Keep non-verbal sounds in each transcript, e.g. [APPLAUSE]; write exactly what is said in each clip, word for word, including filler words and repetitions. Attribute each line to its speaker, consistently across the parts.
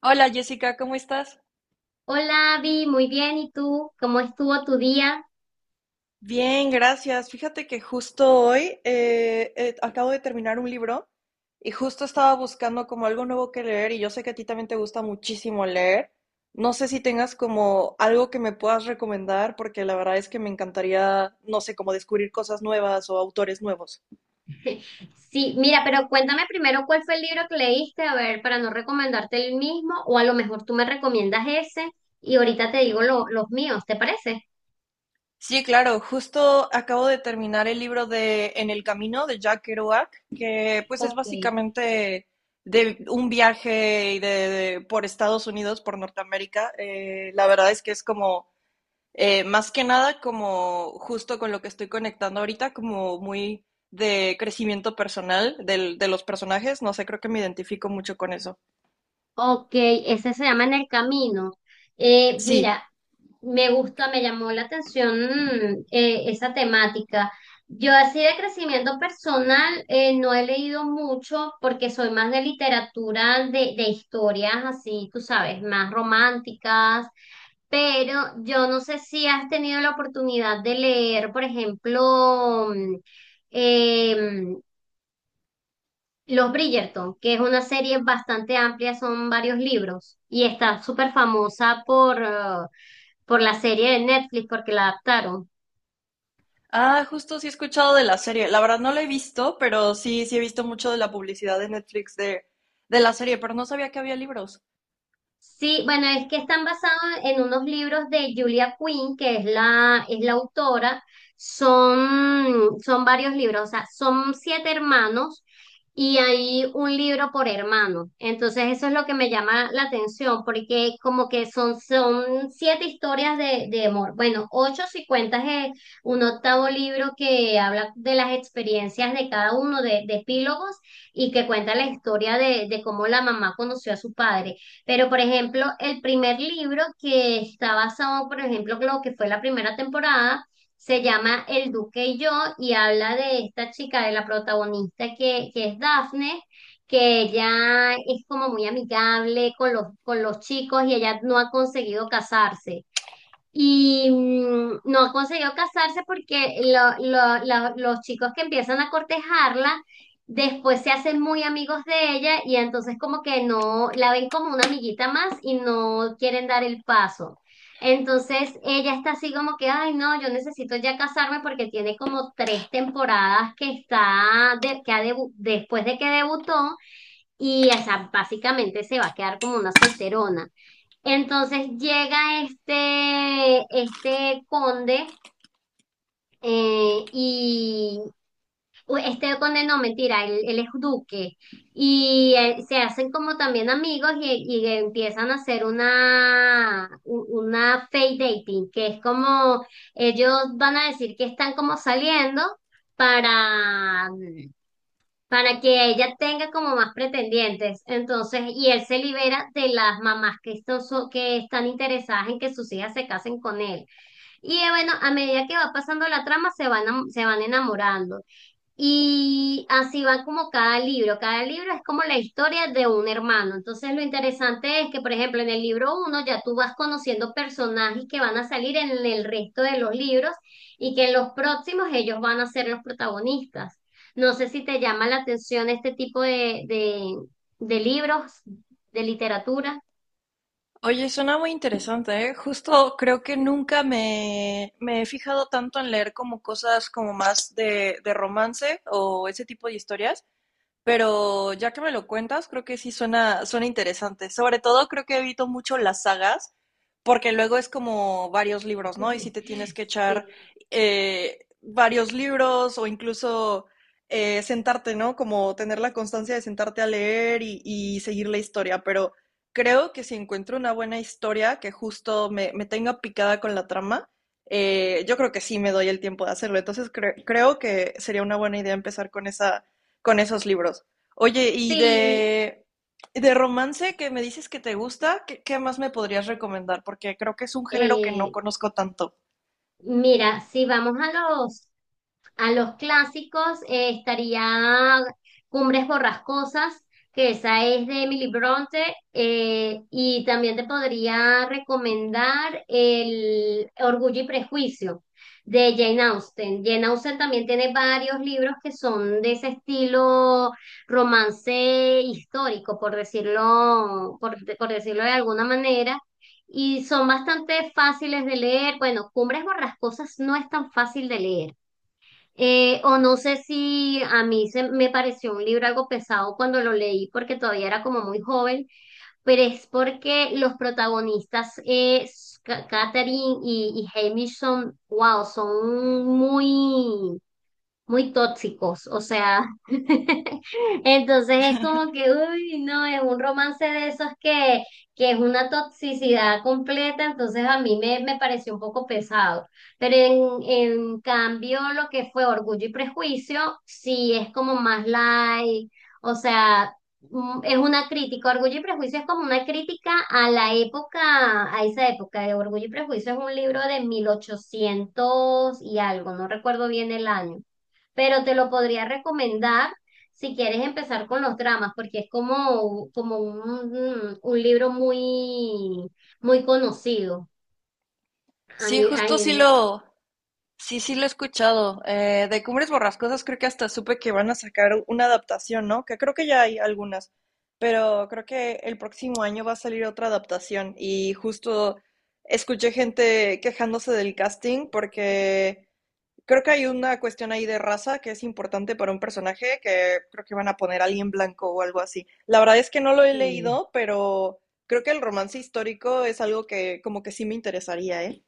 Speaker 1: Hola Jessica, ¿cómo estás?
Speaker 2: Hola, Vi, muy bien. ¿Y tú? ¿Cómo estuvo tu día?
Speaker 1: Bien, gracias. Fíjate que justo hoy eh, eh, acabo de terminar un libro y justo estaba buscando como algo nuevo que leer, y yo sé que a ti también te gusta muchísimo leer. No sé si tengas como algo que me puedas recomendar, porque la verdad es que me encantaría, no sé, como descubrir cosas nuevas o autores nuevos.
Speaker 2: [LAUGHS] Sí, mira, pero cuéntame primero cuál fue el libro que leíste, a ver, para no recomendarte el mismo, o a lo mejor tú me recomiendas ese y ahorita te digo lo- los míos, ¿te parece?
Speaker 1: Sí, claro, justo acabo de terminar el libro de En el Camino de Jack Kerouac, que pues es
Speaker 2: Ok.
Speaker 1: básicamente de un viaje y de, de- por Estados Unidos, por Norteamérica. Eh, la verdad es que es como, eh, más que nada, como justo con lo que estoy conectando ahorita, como muy de crecimiento personal del- de los personajes. No sé, creo que me identifico mucho con eso.
Speaker 2: Ok, Ese se llama En el Camino. Eh,
Speaker 1: Sí.
Speaker 2: mira, me gusta, me llamó la atención mm, eh, esa temática. Yo así de crecimiento personal eh, no he leído mucho porque soy más de literatura, de, de historias así, tú sabes, más románticas, pero yo no sé si has tenido la oportunidad de leer, por ejemplo, mm, em, los Bridgerton, que es una serie bastante amplia, son varios libros y está súper famosa por, eh, por la serie de Netflix porque la adaptaron.
Speaker 1: Ah, justo sí he escuchado de la serie. La verdad no la he visto, pero sí, sí he visto mucho de la publicidad de Netflix de, de la serie, pero no sabía que había libros.
Speaker 2: Sí, bueno, es que están basados en unos libros de Julia Quinn, que es la, es la autora. Son, son varios libros, o sea, son siete hermanos y hay un libro por hermano. Entonces, eso es lo que me llama la atención, porque como que son, son siete historias de, de amor. Bueno, ocho si cuentas eh, un octavo libro que habla de las experiencias de cada uno de, de epílogos y que cuenta la historia de, de cómo la mamá conoció a su padre. Pero, por ejemplo, el primer libro que está basado, por ejemplo, en lo que fue la primera temporada, se llama El Duque y yo y habla de esta chica, de la protagonista que, que es Daphne, que ella es como muy amigable con los, con los chicos y ella no ha conseguido casarse. Y mm, no consiguió casarse porque lo- lo- la- los chicos que empiezan a cortejarla después se hacen muy amigos de ella y entonces como que no la ven como una amiguita más y no quieren dar el paso. Entonces ella está así como que, ay no, yo necesito ya casarme porque tiene como tres temporadas que está, de- que ha debu- después de que debutó y o sea, básicamente se va a quedar como una solterona. Entonces llega este, este conde eh, y u- este conde no, mentira, él, él es duque y eh, se hacen como también amigos y, y empiezan a hacer una, u- una fake dating, que es como ellos van a decir que están como saliendo para para que ella tenga como más pretendientes. Entonces, y él se libera de las mamás que están, so- que están interesadas en que sus hijas se casen con él. Y eh, bueno, a medida que va pasando la trama, se van, am- se van enamorando. Y así va como cada libro. Cada libro es como la historia de un hermano. Entonces lo interesante es que, por ejemplo, en el libro uno ya tú vas conociendo personajes que van a salir en el resto de los libros y que en los próximos ellos van a ser los protagonistas. No sé si te llama la atención este tipo de, de, de libros, de literatura.
Speaker 1: Oye, suena muy interesante, ¿eh? Justo creo que nunca me, me he fijado tanto en leer como cosas como más de, de romance o ese tipo de historias. Pero ya que me lo cuentas, creo que sí suena, suena interesante. Sobre todo creo que evito mucho las sagas, porque luego es como varios libros, ¿no? Y si te tienes
Speaker 2: [LAUGHS]
Speaker 1: que
Speaker 2: Sí,
Speaker 1: echar eh, varios libros, o incluso eh, sentarte, ¿no? Como tener la constancia de sentarte a leer y, y seguir la historia. Pero creo que si encuentro una buena historia que justo me, me tenga picada con la trama, eh, yo creo que sí me doy el tiempo de hacerlo. Entonces cre- creo que sería una buena idea empezar con esa, con esos libros. Oye, y
Speaker 2: sí,
Speaker 1: de, de romance que me dices que te gusta, ¿qué, qué más me podrías recomendar? Porque creo que es un género que no
Speaker 2: eh,
Speaker 1: conozco tanto.
Speaker 2: mira, si vamos a los a los clásicos eh, estaría Cumbres Borrascosas, que esa es de Emily Bronte, eh, y también te podría recomendar el Orgullo y Prejuicio de Jane Austen. Jane Austen también tiene varios libros que son de ese estilo romance histórico, por decirlo, por, por decirlo de alguna manera, y son bastante fáciles de leer. Bueno, Cumbres Borrascosas no es tan fácil de leer. Eh, o no sé si a mí se, me pareció un libro algo pesado cuando lo leí porque todavía era como muy joven, pero es porque los protagonistas, eh, Ca- Catherine y, y Hamish, son, wow, son muy, muy tóxicos, o sea, [LAUGHS] entonces es como que, uy, no, es un romance de esos que, que es una toxicidad completa, entonces a mí me, me pareció un poco pesado, pero en, en cambio lo que fue Orgullo y Prejuicio, sí es como más light, o sea, mm, es una crítica, Orgullo y Prejuicio es como una crítica a la época, a esa época, de Orgullo y Prejuicio es un libro de mil ochocientos y algo, no recuerdo bien el año pero te lo podría recomendar si quieres empezar con los dramas, porque es como, como un, un libro muy, muy conocido a
Speaker 1: Sí,
Speaker 2: ni- a-
Speaker 1: justo sí
Speaker 2: en-
Speaker 1: lo, sí, sí lo he escuchado. Eh, de Cumbres Borrascosas creo que hasta supe que van a sacar una adaptación, ¿no? Que creo que ya hay algunas, pero creo que el próximo año va a salir otra adaptación. Y justo escuché gente quejándose del casting, porque creo que hay una cuestión ahí de raza que es importante para un personaje, que creo que van a poner alguien blanco o algo así. La verdad es que no lo he
Speaker 2: sí.
Speaker 1: leído, pero creo que el romance histórico es algo que como que sí me interesaría, ¿eh?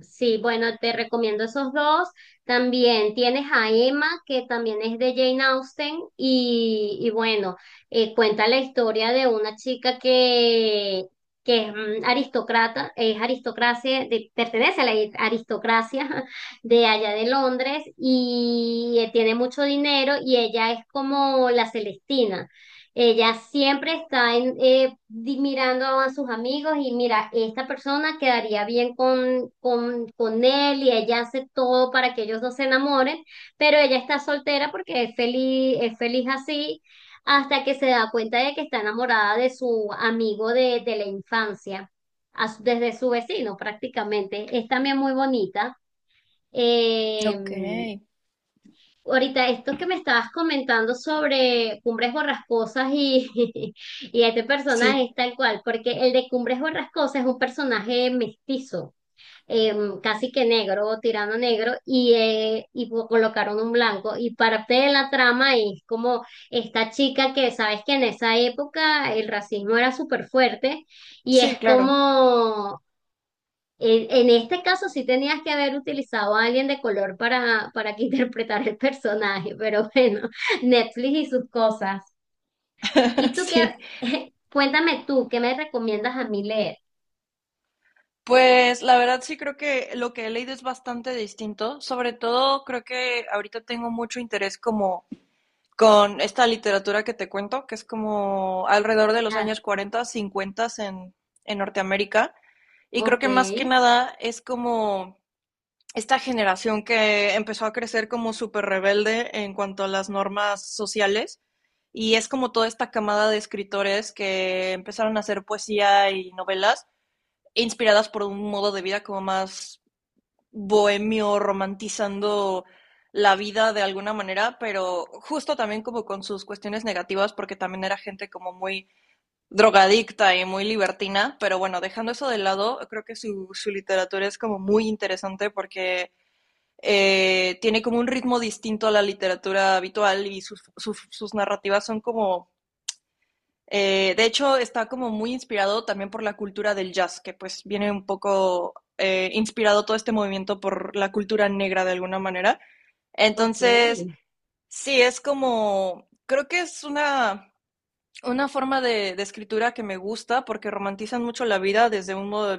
Speaker 2: Sí, bueno, te recomiendo esos dos. También tienes a Emma, que también es de Jane Austen, y, y bueno, eh, cuenta la historia de una chica que, que es mm, aristócrata, es aristocracia, de- pertenece a la aristocracia [LAUGHS] de allá de Londres, y eh, tiene mucho dinero, y ella es como la Celestina. Ella siempre está en, eh, di- mirando a sus amigos y mira, esta persona quedaría bien con, con, con él y ella hace todo para que ellos dos se enamoren, pero ella está soltera porque es feliz, es feliz así hasta que se da cuenta de que está enamorada de su amigo de, de la infancia, as- desde su vecino prácticamente. Es también muy bonita.
Speaker 1: Ok.
Speaker 2: Em, Ahorita, esto que me estabas comentando sobre Cumbres Borrascosas y, [LAUGHS] y este personaje
Speaker 1: Sí,
Speaker 2: es tal cual, porque el de Cumbres Borrascosas es un personaje mestizo, eh, casi que negro, tirando a negro, y, eh, y po- colocaron un blanco. Y parte de la trama es como esta chica que, sabes que en esa época el racismo era súper fuerte, y
Speaker 1: sí,
Speaker 2: es
Speaker 1: claro.
Speaker 2: como en, en este caso sí tenías que haber utilizado a alguien de color para, para que [LAUGHS] interpretara el personaje, pero bueno, [LAUGHS] Netflix y sus cosas. ¿Y
Speaker 1: [LAUGHS]
Speaker 2: tú qué?
Speaker 1: Sí.
Speaker 2: [LAUGHS] Cuéntame tú, ¿qué me recomiendas a mí leer?
Speaker 1: Pues la verdad sí creo que lo que he leído es bastante distinto. Sobre todo creo que ahorita tengo mucho interés como con esta literatura que te cuento, que es como alrededor de los
Speaker 2: La-
Speaker 1: años cuarenta, cincuenta en, en Norteamérica. Y creo
Speaker 2: ok,
Speaker 1: que más que nada es como esta generación que empezó a crecer como súper rebelde en cuanto a las normas sociales. Y es como toda esta camada de escritores que empezaron a hacer poesía y novelas inspiradas por un modo de vida como más bohemio, romantizando la vida de alguna manera, pero justo también como con sus cuestiones negativas, porque también era gente como muy drogadicta y muy libertina. Pero bueno, dejando eso de lado, creo que su, su literatura es como muy interesante porque eh, tiene como un ritmo distinto a la literatura habitual, y sus, sus, sus narrativas son como eh, de hecho, está como muy inspirado también por la cultura del jazz, que pues viene un poco eh, inspirado todo este movimiento por la cultura negra de alguna manera.
Speaker 2: ok,
Speaker 1: Entonces, sí, es como, creo que es una, una forma de, de escritura que me gusta porque romantizan mucho la vida desde un modo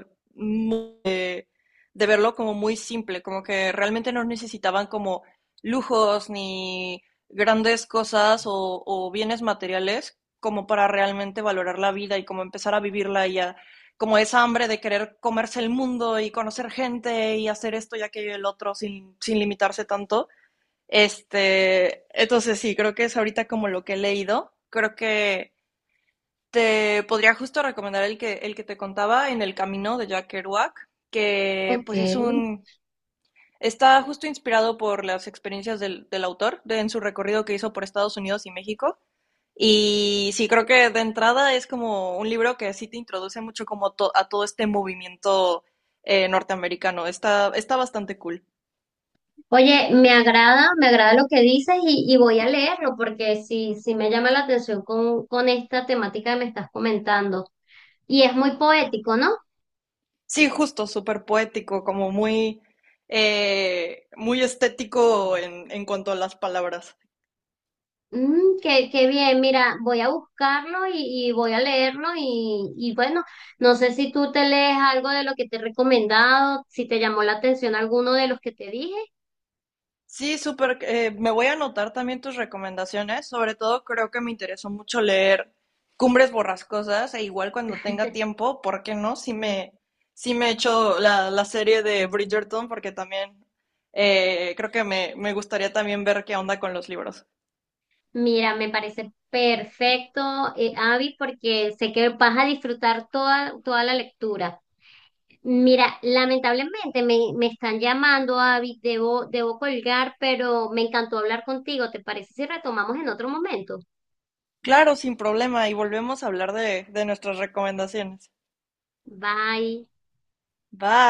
Speaker 1: de verlo como muy simple, como que realmente no necesitaban como lujos ni grandes cosas, o, o bienes materiales, como para realmente valorar la vida y como empezar a vivirla y a, como esa hambre de querer comerse el mundo y conocer gente y hacer esto y aquello y el otro, sin, sin limitarse tanto. Este, entonces sí, creo que es ahorita como lo que he leído. Creo que te podría justo recomendar el que, el que te contaba, En el Camino de Jack Kerouac, que
Speaker 2: ok.
Speaker 1: pues es un. Está justo inspirado por las experiencias del, del autor de, en su recorrido que hizo por Estados Unidos y México. Y sí, creo que de entrada es como un libro que sí te introduce mucho como to- a todo este movimiento eh, norteamericano. Está, está bastante cool.
Speaker 2: Oye, me agrada, me agrada lo que dices y, y voy a leerlo porque sí, sí me llama la atención con, con esta temática que me estás comentando. Y es muy poético, ¿no?
Speaker 1: Sí, justo, súper poético, como muy, eh, muy estético en, en cuanto a las palabras.
Speaker 2: Mm, qué, qué bien, mira, voy a buscarlo y, y voy a leerlo y, y bueno, no sé si tú te lees algo de lo que te he recomendado, si te llamó la atención alguno de los que te dije.
Speaker 1: Sí, súper. Eh, me voy a anotar también tus recomendaciones. Sobre todo creo que me interesó mucho leer Cumbres Borrascosas, e igual cuando tenga tiempo, ¿por qué no? Sí me, sí me he la, la serie de Bridgerton, porque también eh, creo que me, me gustaría también ver qué onda con los libros.
Speaker 2: Mira, me parece perfecto, eh, Abby, porque sé que vas a disfrutar toda, toda la lectura. Mira, lamentablemente me, me están llamando, Abby, debo, debo colgar, pero me encantó hablar contigo. ¿Te parece si retomamos en otro momento?
Speaker 1: Claro, sin problema. Y volvemos a hablar de, de nuestras recomendaciones.
Speaker 2: Bye.
Speaker 1: Bye.